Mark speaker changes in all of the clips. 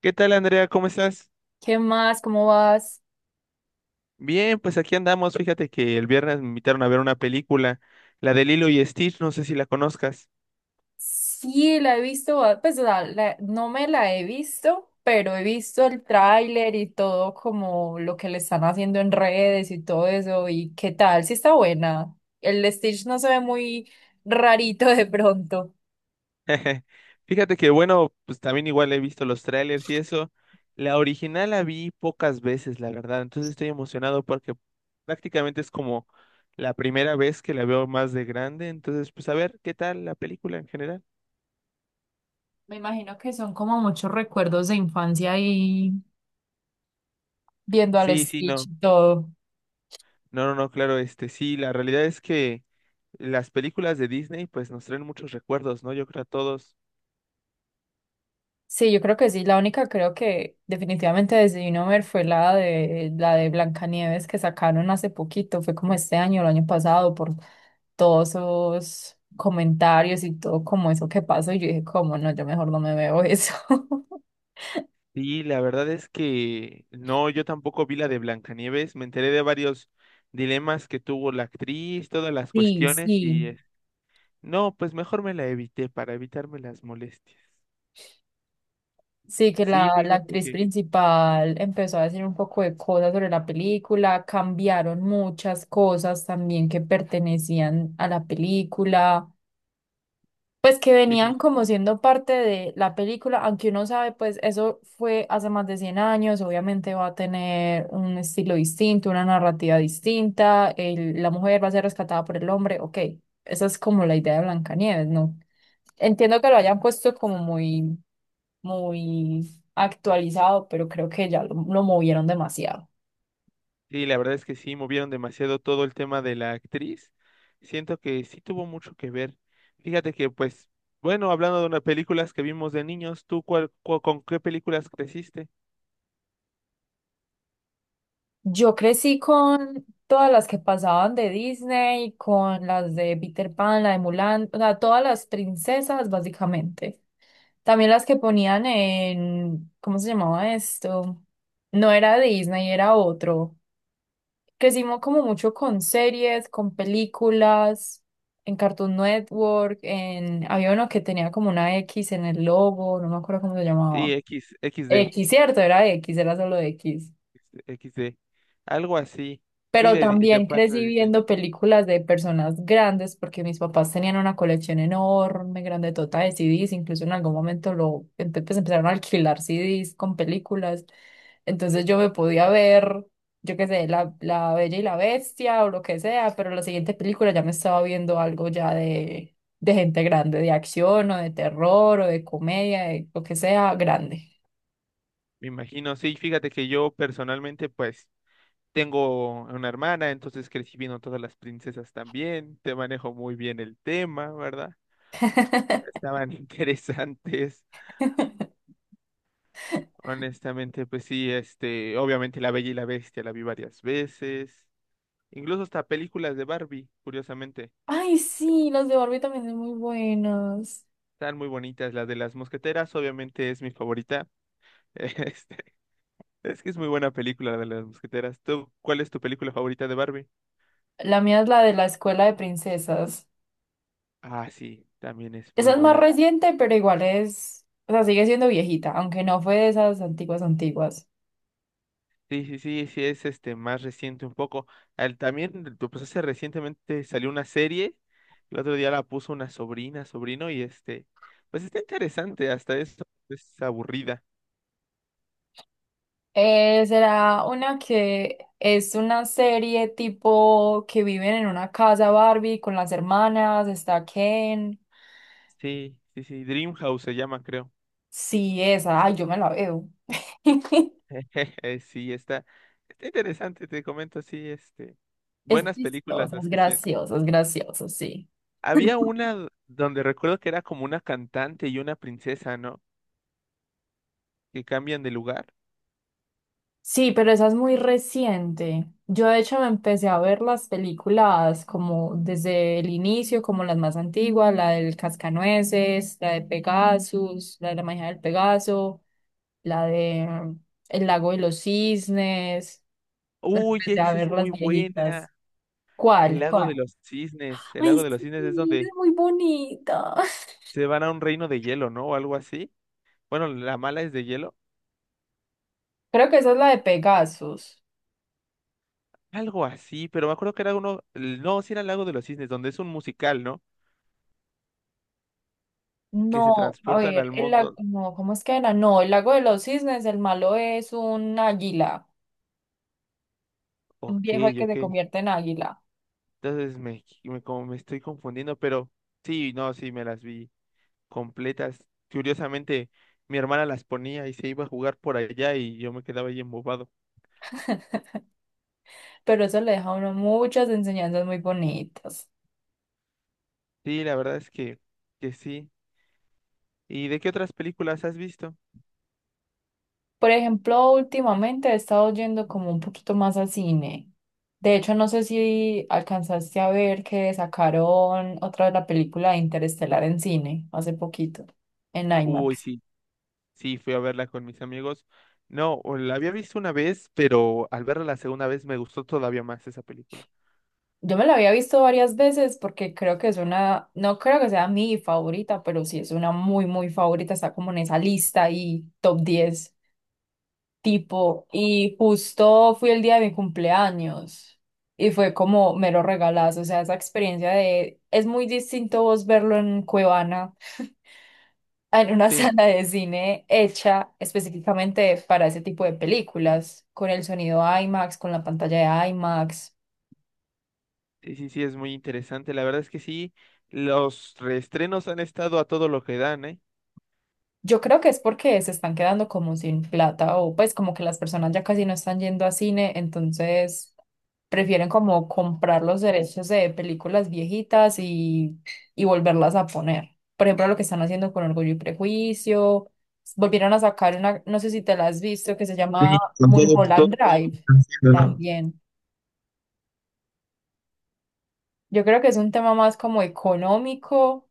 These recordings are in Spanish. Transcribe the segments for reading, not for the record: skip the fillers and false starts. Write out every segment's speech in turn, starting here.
Speaker 1: ¿Qué tal, Andrea? ¿Cómo estás?
Speaker 2: ¿Qué más? ¿Cómo vas?
Speaker 1: Bien, pues aquí andamos. Fíjate que el viernes me invitaron a ver una película, la de Lilo y Stitch, no sé si la conozcas.
Speaker 2: Sí, la he visto, no me la he visto, pero he visto el tráiler y todo como lo que le están haciendo en redes y todo eso. ¿Y qué tal? Sí está buena. El Stitch no se ve muy rarito de pronto.
Speaker 1: Fíjate que, bueno, pues también igual he visto los trailers y eso. La original la vi pocas veces, la verdad. Entonces estoy emocionado porque prácticamente es como la primera vez que la veo más de grande. Entonces, pues a ver, ¿qué tal la película en general?
Speaker 2: Me imagino que son como muchos recuerdos de infancia ahí viendo al
Speaker 1: Sí, sí,
Speaker 2: Stitch
Speaker 1: no.
Speaker 2: y todo.
Speaker 1: No, no, no, claro, sí, la realidad es que las películas de Disney pues nos traen muchos recuerdos, ¿no? Yo creo a todos.
Speaker 2: Sí, yo creo que sí. La única creo que definitivamente decidí no ver fue la de Blancanieves que sacaron hace poquito, fue como este año, el año pasado, por todos esos comentarios y todo como eso que pasó. Y yo dije, como no, yo mejor no me veo eso.
Speaker 1: Sí, la verdad es que no, yo tampoco vi la de Blancanieves, me enteré de varios dilemas que tuvo la actriz, todas las
Speaker 2: Sí,
Speaker 1: cuestiones
Speaker 2: sí.
Speaker 1: no, pues mejor me la evité para evitarme las molestias.
Speaker 2: Sí, que la,
Speaker 1: Sí,
Speaker 2: la
Speaker 1: fíjate
Speaker 2: actriz
Speaker 1: que
Speaker 2: principal empezó a decir un poco de cosas sobre la película, cambiaron muchas cosas también que pertenecían a la película. Pues que
Speaker 1: sí, sí,
Speaker 2: venían como siendo parte de la película, aunque uno sabe, pues eso fue hace más de 100 años, obviamente va a tener un estilo distinto, una narrativa distinta, la mujer va a ser rescatada por el hombre, ok, esa es como la idea de Blancanieves, ¿no? Entiendo que lo hayan puesto como muy, muy actualizado, pero creo que ya lo movieron demasiado.
Speaker 1: sí, la verdad es que sí, movieron demasiado todo el tema de la actriz. Siento que sí tuvo mucho que ver. Fíjate que pues, bueno, hablando de unas películas que vimos de niños, ¿tú cuál, cu- con qué películas creciste?
Speaker 2: Yo crecí con todas las que pasaban de Disney, con las de Peter Pan, la de Mulan, o sea, todas las princesas básicamente. También las que ponían en, ¿cómo se llamaba esto? No era Disney, era otro. Crecimos como mucho con series, con películas, en Cartoon Network, en, había uno que tenía como una X en el logo, no me acuerdo cómo se
Speaker 1: Sí,
Speaker 2: llamaba.
Speaker 1: X, XD.
Speaker 2: X, cierto, era X, era solo X.
Speaker 1: XD. Algo así. Sí,
Speaker 2: Pero
Speaker 1: de
Speaker 2: también
Speaker 1: parte de
Speaker 2: crecí
Speaker 1: Disney.
Speaker 2: viendo películas de personas grandes porque mis papás tenían una colección enorme, grande, total de CDs. Incluso en algún momento pues empezaron a alquilar CDs con películas. Entonces yo me podía ver, yo qué sé, la Bella y la Bestia o lo que sea, pero la siguiente película ya me estaba viendo algo ya de gente grande, de acción o de terror o de comedia, de lo que sea, grande.
Speaker 1: Me imagino. Sí, fíjate que yo personalmente, pues, tengo una hermana, entonces crecí viendo todas las princesas también. Te manejo muy bien el tema, ¿verdad? Estaban interesantes. Honestamente, pues sí, obviamente La Bella y la Bestia la vi varias veces. Incluso hasta películas de Barbie, curiosamente.
Speaker 2: Ay, sí, las de Barbie también son muy buenas.
Speaker 1: Están muy bonitas. La de las mosqueteras, obviamente, es mi favorita. este, Es que es muy buena película la de las mosqueteras. ¿Tú, cuál es tu película favorita de Barbie?
Speaker 2: La mía es la de la escuela de princesas.
Speaker 1: Ah, sí, también es muy
Speaker 2: Esa es más
Speaker 1: buena.
Speaker 2: reciente, pero igual es, o sea, sigue siendo viejita, aunque no fue de esas antiguas antiguas.
Speaker 1: Sí, sí, sí, sí, es más reciente un poco. También, tú, pues hace recientemente salió una serie. El otro día la puso una sobrina, sobrino, pues está interesante, hasta eso es aburrida.
Speaker 2: Será una que es una serie tipo que viven en una casa Barbie con las hermanas, está Ken.
Speaker 1: Sí, sí, sí, Dreamhouse se llama, creo.
Speaker 2: Sí, esa, ay, yo me la veo.
Speaker 1: Sí, está interesante, te comento, sí,
Speaker 2: Es
Speaker 1: buenas películas
Speaker 2: chistosa,
Speaker 1: las que sí.
Speaker 2: es graciosa, sí.
Speaker 1: Había una donde recuerdo que era como una cantante y una princesa, ¿no? Que cambian de lugar.
Speaker 2: Sí, pero esa es muy reciente. Yo de hecho me empecé a ver las películas como desde el inicio, como las más antiguas, la del Cascanueces, la de Pegasus, la de la magia del Pegaso, la de El lago de los cisnes. Me
Speaker 1: Uy,
Speaker 2: empecé a
Speaker 1: esa es
Speaker 2: ver las
Speaker 1: muy buena.
Speaker 2: viejitas.
Speaker 1: El
Speaker 2: ¿Cuál?
Speaker 1: lago de
Speaker 2: ¿Cuál?
Speaker 1: los cisnes. El
Speaker 2: Ay,
Speaker 1: lago de los
Speaker 2: sí,
Speaker 1: cisnes es
Speaker 2: es
Speaker 1: donde
Speaker 2: muy bonita.
Speaker 1: se van a un reino de hielo, ¿no? O algo así. Bueno, la mala es de hielo.
Speaker 2: Creo que esa es la de Pegasus.
Speaker 1: Algo así, pero me acuerdo que era uno. No, sí era el lago de los cisnes, donde es un musical, ¿no? Que se
Speaker 2: No, a
Speaker 1: transportan
Speaker 2: ver,
Speaker 1: al
Speaker 2: el lago,
Speaker 1: mundo.
Speaker 2: no, ¿cómo es que era? No, el lago de los cisnes, el malo es un águila, un
Speaker 1: Ok,
Speaker 2: viejo que se
Speaker 1: ok.
Speaker 2: convierte en águila,
Speaker 1: Entonces como me estoy confundiendo, pero sí, no, sí, me las vi completas. Curiosamente, mi hermana las ponía y se iba a jugar por allá y yo me quedaba ahí embobado.
Speaker 2: pero eso le deja a uno muchas enseñanzas muy bonitas.
Speaker 1: Sí, la verdad es que sí. ¿Y de qué otras películas has visto?
Speaker 2: Por ejemplo, últimamente he estado yendo como un poquito más al cine. De hecho, no sé si alcanzaste a ver que sacaron otra vez la película de Interestelar en cine hace poquito, en
Speaker 1: Uy,
Speaker 2: IMAX.
Speaker 1: sí, sí, fui a verla con mis amigos. No, o la había visto una vez, pero al verla la segunda vez me gustó todavía más esa película.
Speaker 2: Yo me la había visto varias veces porque creo que es una, no creo que sea mi favorita, pero sí es una muy, muy favorita. Está como en esa lista y top 10 tipo. Y justo fui el día de mi cumpleaños y fue como mero regalazo. O sea, esa experiencia de, es muy distinto vos verlo en Cuevana, en una
Speaker 1: Sí,
Speaker 2: sala de cine hecha específicamente para ese tipo de películas, con el sonido IMAX, con la pantalla de IMAX.
Speaker 1: sí, sí, sí, es muy interesante. La verdad es que sí, los reestrenos han estado a todo lo que dan, ¿eh?
Speaker 2: Yo creo que es porque se están quedando como sin plata o pues como que las personas ya casi no están yendo a cine, entonces prefieren como comprar los derechos de películas viejitas y volverlas a poner. Por ejemplo, lo que están haciendo con Orgullo y Prejuicio, volvieron a sacar una, no sé si te la has visto, que se llama
Speaker 1: Sí, con todo, todo,
Speaker 2: Mulholland
Speaker 1: todo lo que
Speaker 2: Drive
Speaker 1: están haciendo, ¿no?
Speaker 2: también. Yo creo que es un tema más como económico.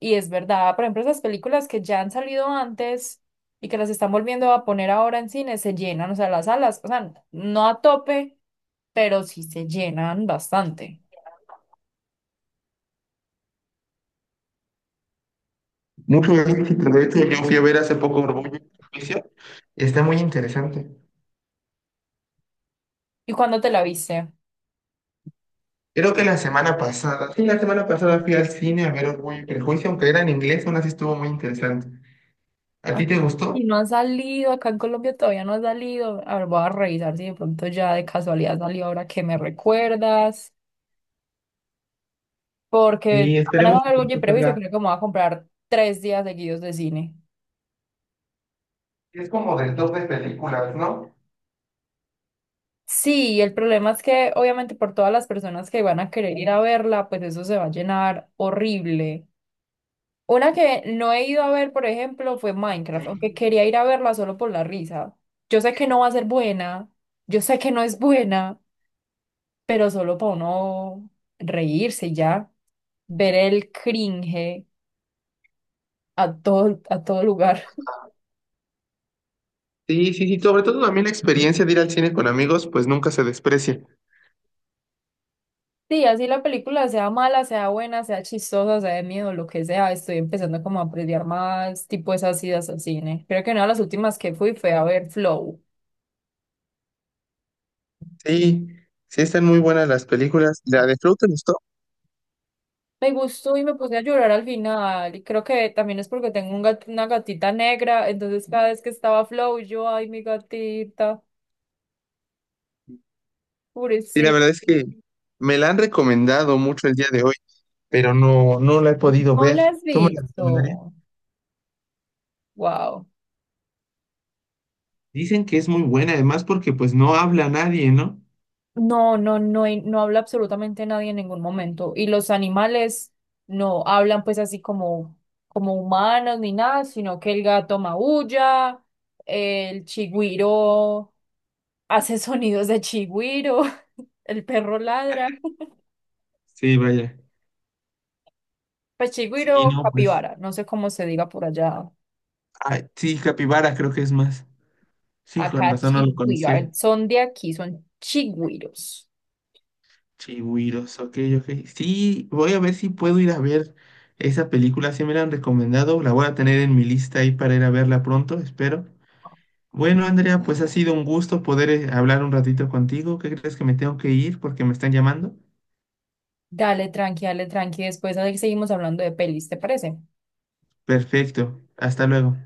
Speaker 2: Y es verdad, por ejemplo, esas películas que ya han salido antes y que las están volviendo a poner ahora en cine se llenan, o sea, las salas, o sea, no a tope, pero sí se llenan bastante.
Speaker 1: Mucho éxito. De hecho, yo fui a ver hace poco Orgullo y Prejuicio. Está muy interesante.
Speaker 2: ¿Y cuándo te la viste?
Speaker 1: Creo que la semana pasada, sí, la semana pasada fui al cine a ver Orgullo y Prejuicio, aunque era en inglés, aún así estuvo muy interesante. ¿A
Speaker 2: Ah,
Speaker 1: ti te gustó?
Speaker 2: y no han salido, acá en Colombia todavía no ha salido. A ver, voy a revisar si de pronto ya de casualidad salió ahora que me recuerdas, porque
Speaker 1: Sí,
Speaker 2: apenas
Speaker 1: esperemos
Speaker 2: hago
Speaker 1: que
Speaker 2: algo y
Speaker 1: pronto
Speaker 2: prejuicio,
Speaker 1: salga.
Speaker 2: creo que me voy a comprar tres días seguidos de cine.
Speaker 1: Es como del top de películas, ¿no?
Speaker 2: Sí, el problema es que obviamente por todas las personas que van a querer ir a verla, pues eso se va a llenar horrible. Una que no he ido a ver, por ejemplo, fue Minecraft, aunque
Speaker 1: Sí.
Speaker 2: quería ir a verla solo por la risa. Yo sé que no va a ser buena, yo sé que no es buena, pero solo para uno reírse y ya, ver el cringe a todo lugar.
Speaker 1: Sí, sí, sí. Sobre todo también la experiencia de ir al cine con amigos, pues nunca se desprecia.
Speaker 2: Sí, así la película sea mala, sea buena, sea chistosa, sea de miedo, lo que sea, estoy empezando como a apreciar más tipo esas idas al cine. Creo que una de las últimas que fui fue a ver Flow.
Speaker 1: Sí, sí están muy buenas las películas. ¿La de Flow te gustó?
Speaker 2: Me gustó y me puse a llorar al final. Y creo que también es porque tengo un una gatita negra, entonces cada vez que estaba Flow, yo, ay, mi gatita,
Speaker 1: Sí, la
Speaker 2: pobrecita.
Speaker 1: verdad es que me la han recomendado mucho el día de hoy, pero no, no la he podido
Speaker 2: No la
Speaker 1: ver.
Speaker 2: has
Speaker 1: ¿Tú me la
Speaker 2: visto.
Speaker 1: recomendarías?
Speaker 2: Wow.
Speaker 1: Dicen que es muy buena, además, porque pues no habla nadie, ¿no?
Speaker 2: No, no, no, no habla absolutamente nadie en ningún momento. Y los animales no hablan pues así como, como humanos ni nada, sino que el gato maulla, el chigüiro hace sonidos de chigüiro, el perro ladra.
Speaker 1: Sí, vaya.
Speaker 2: Pues chigüiro,
Speaker 1: Sí,
Speaker 2: o
Speaker 1: no, pues.
Speaker 2: capibara, no sé cómo se diga por allá.
Speaker 1: Ay, sí, Capibara creo que es más. Sí, con
Speaker 2: Acá
Speaker 1: razón no lo
Speaker 2: chigüiro, a
Speaker 1: conocía.
Speaker 2: ver, son de aquí, son chigüiros.
Speaker 1: Chihuiros, ok, ok. Sí, voy a ver si puedo ir a ver esa película. Si me la han recomendado. La voy a tener en mi lista ahí para ir a verla pronto, espero. Bueno, Andrea, pues ha sido un gusto poder hablar un ratito contigo. ¿Qué crees que me tengo que ir porque me están llamando?
Speaker 2: Dale, tranqui, dale, tranqui. Después ahí seguimos hablando de pelis, ¿te parece?
Speaker 1: Perfecto, hasta luego.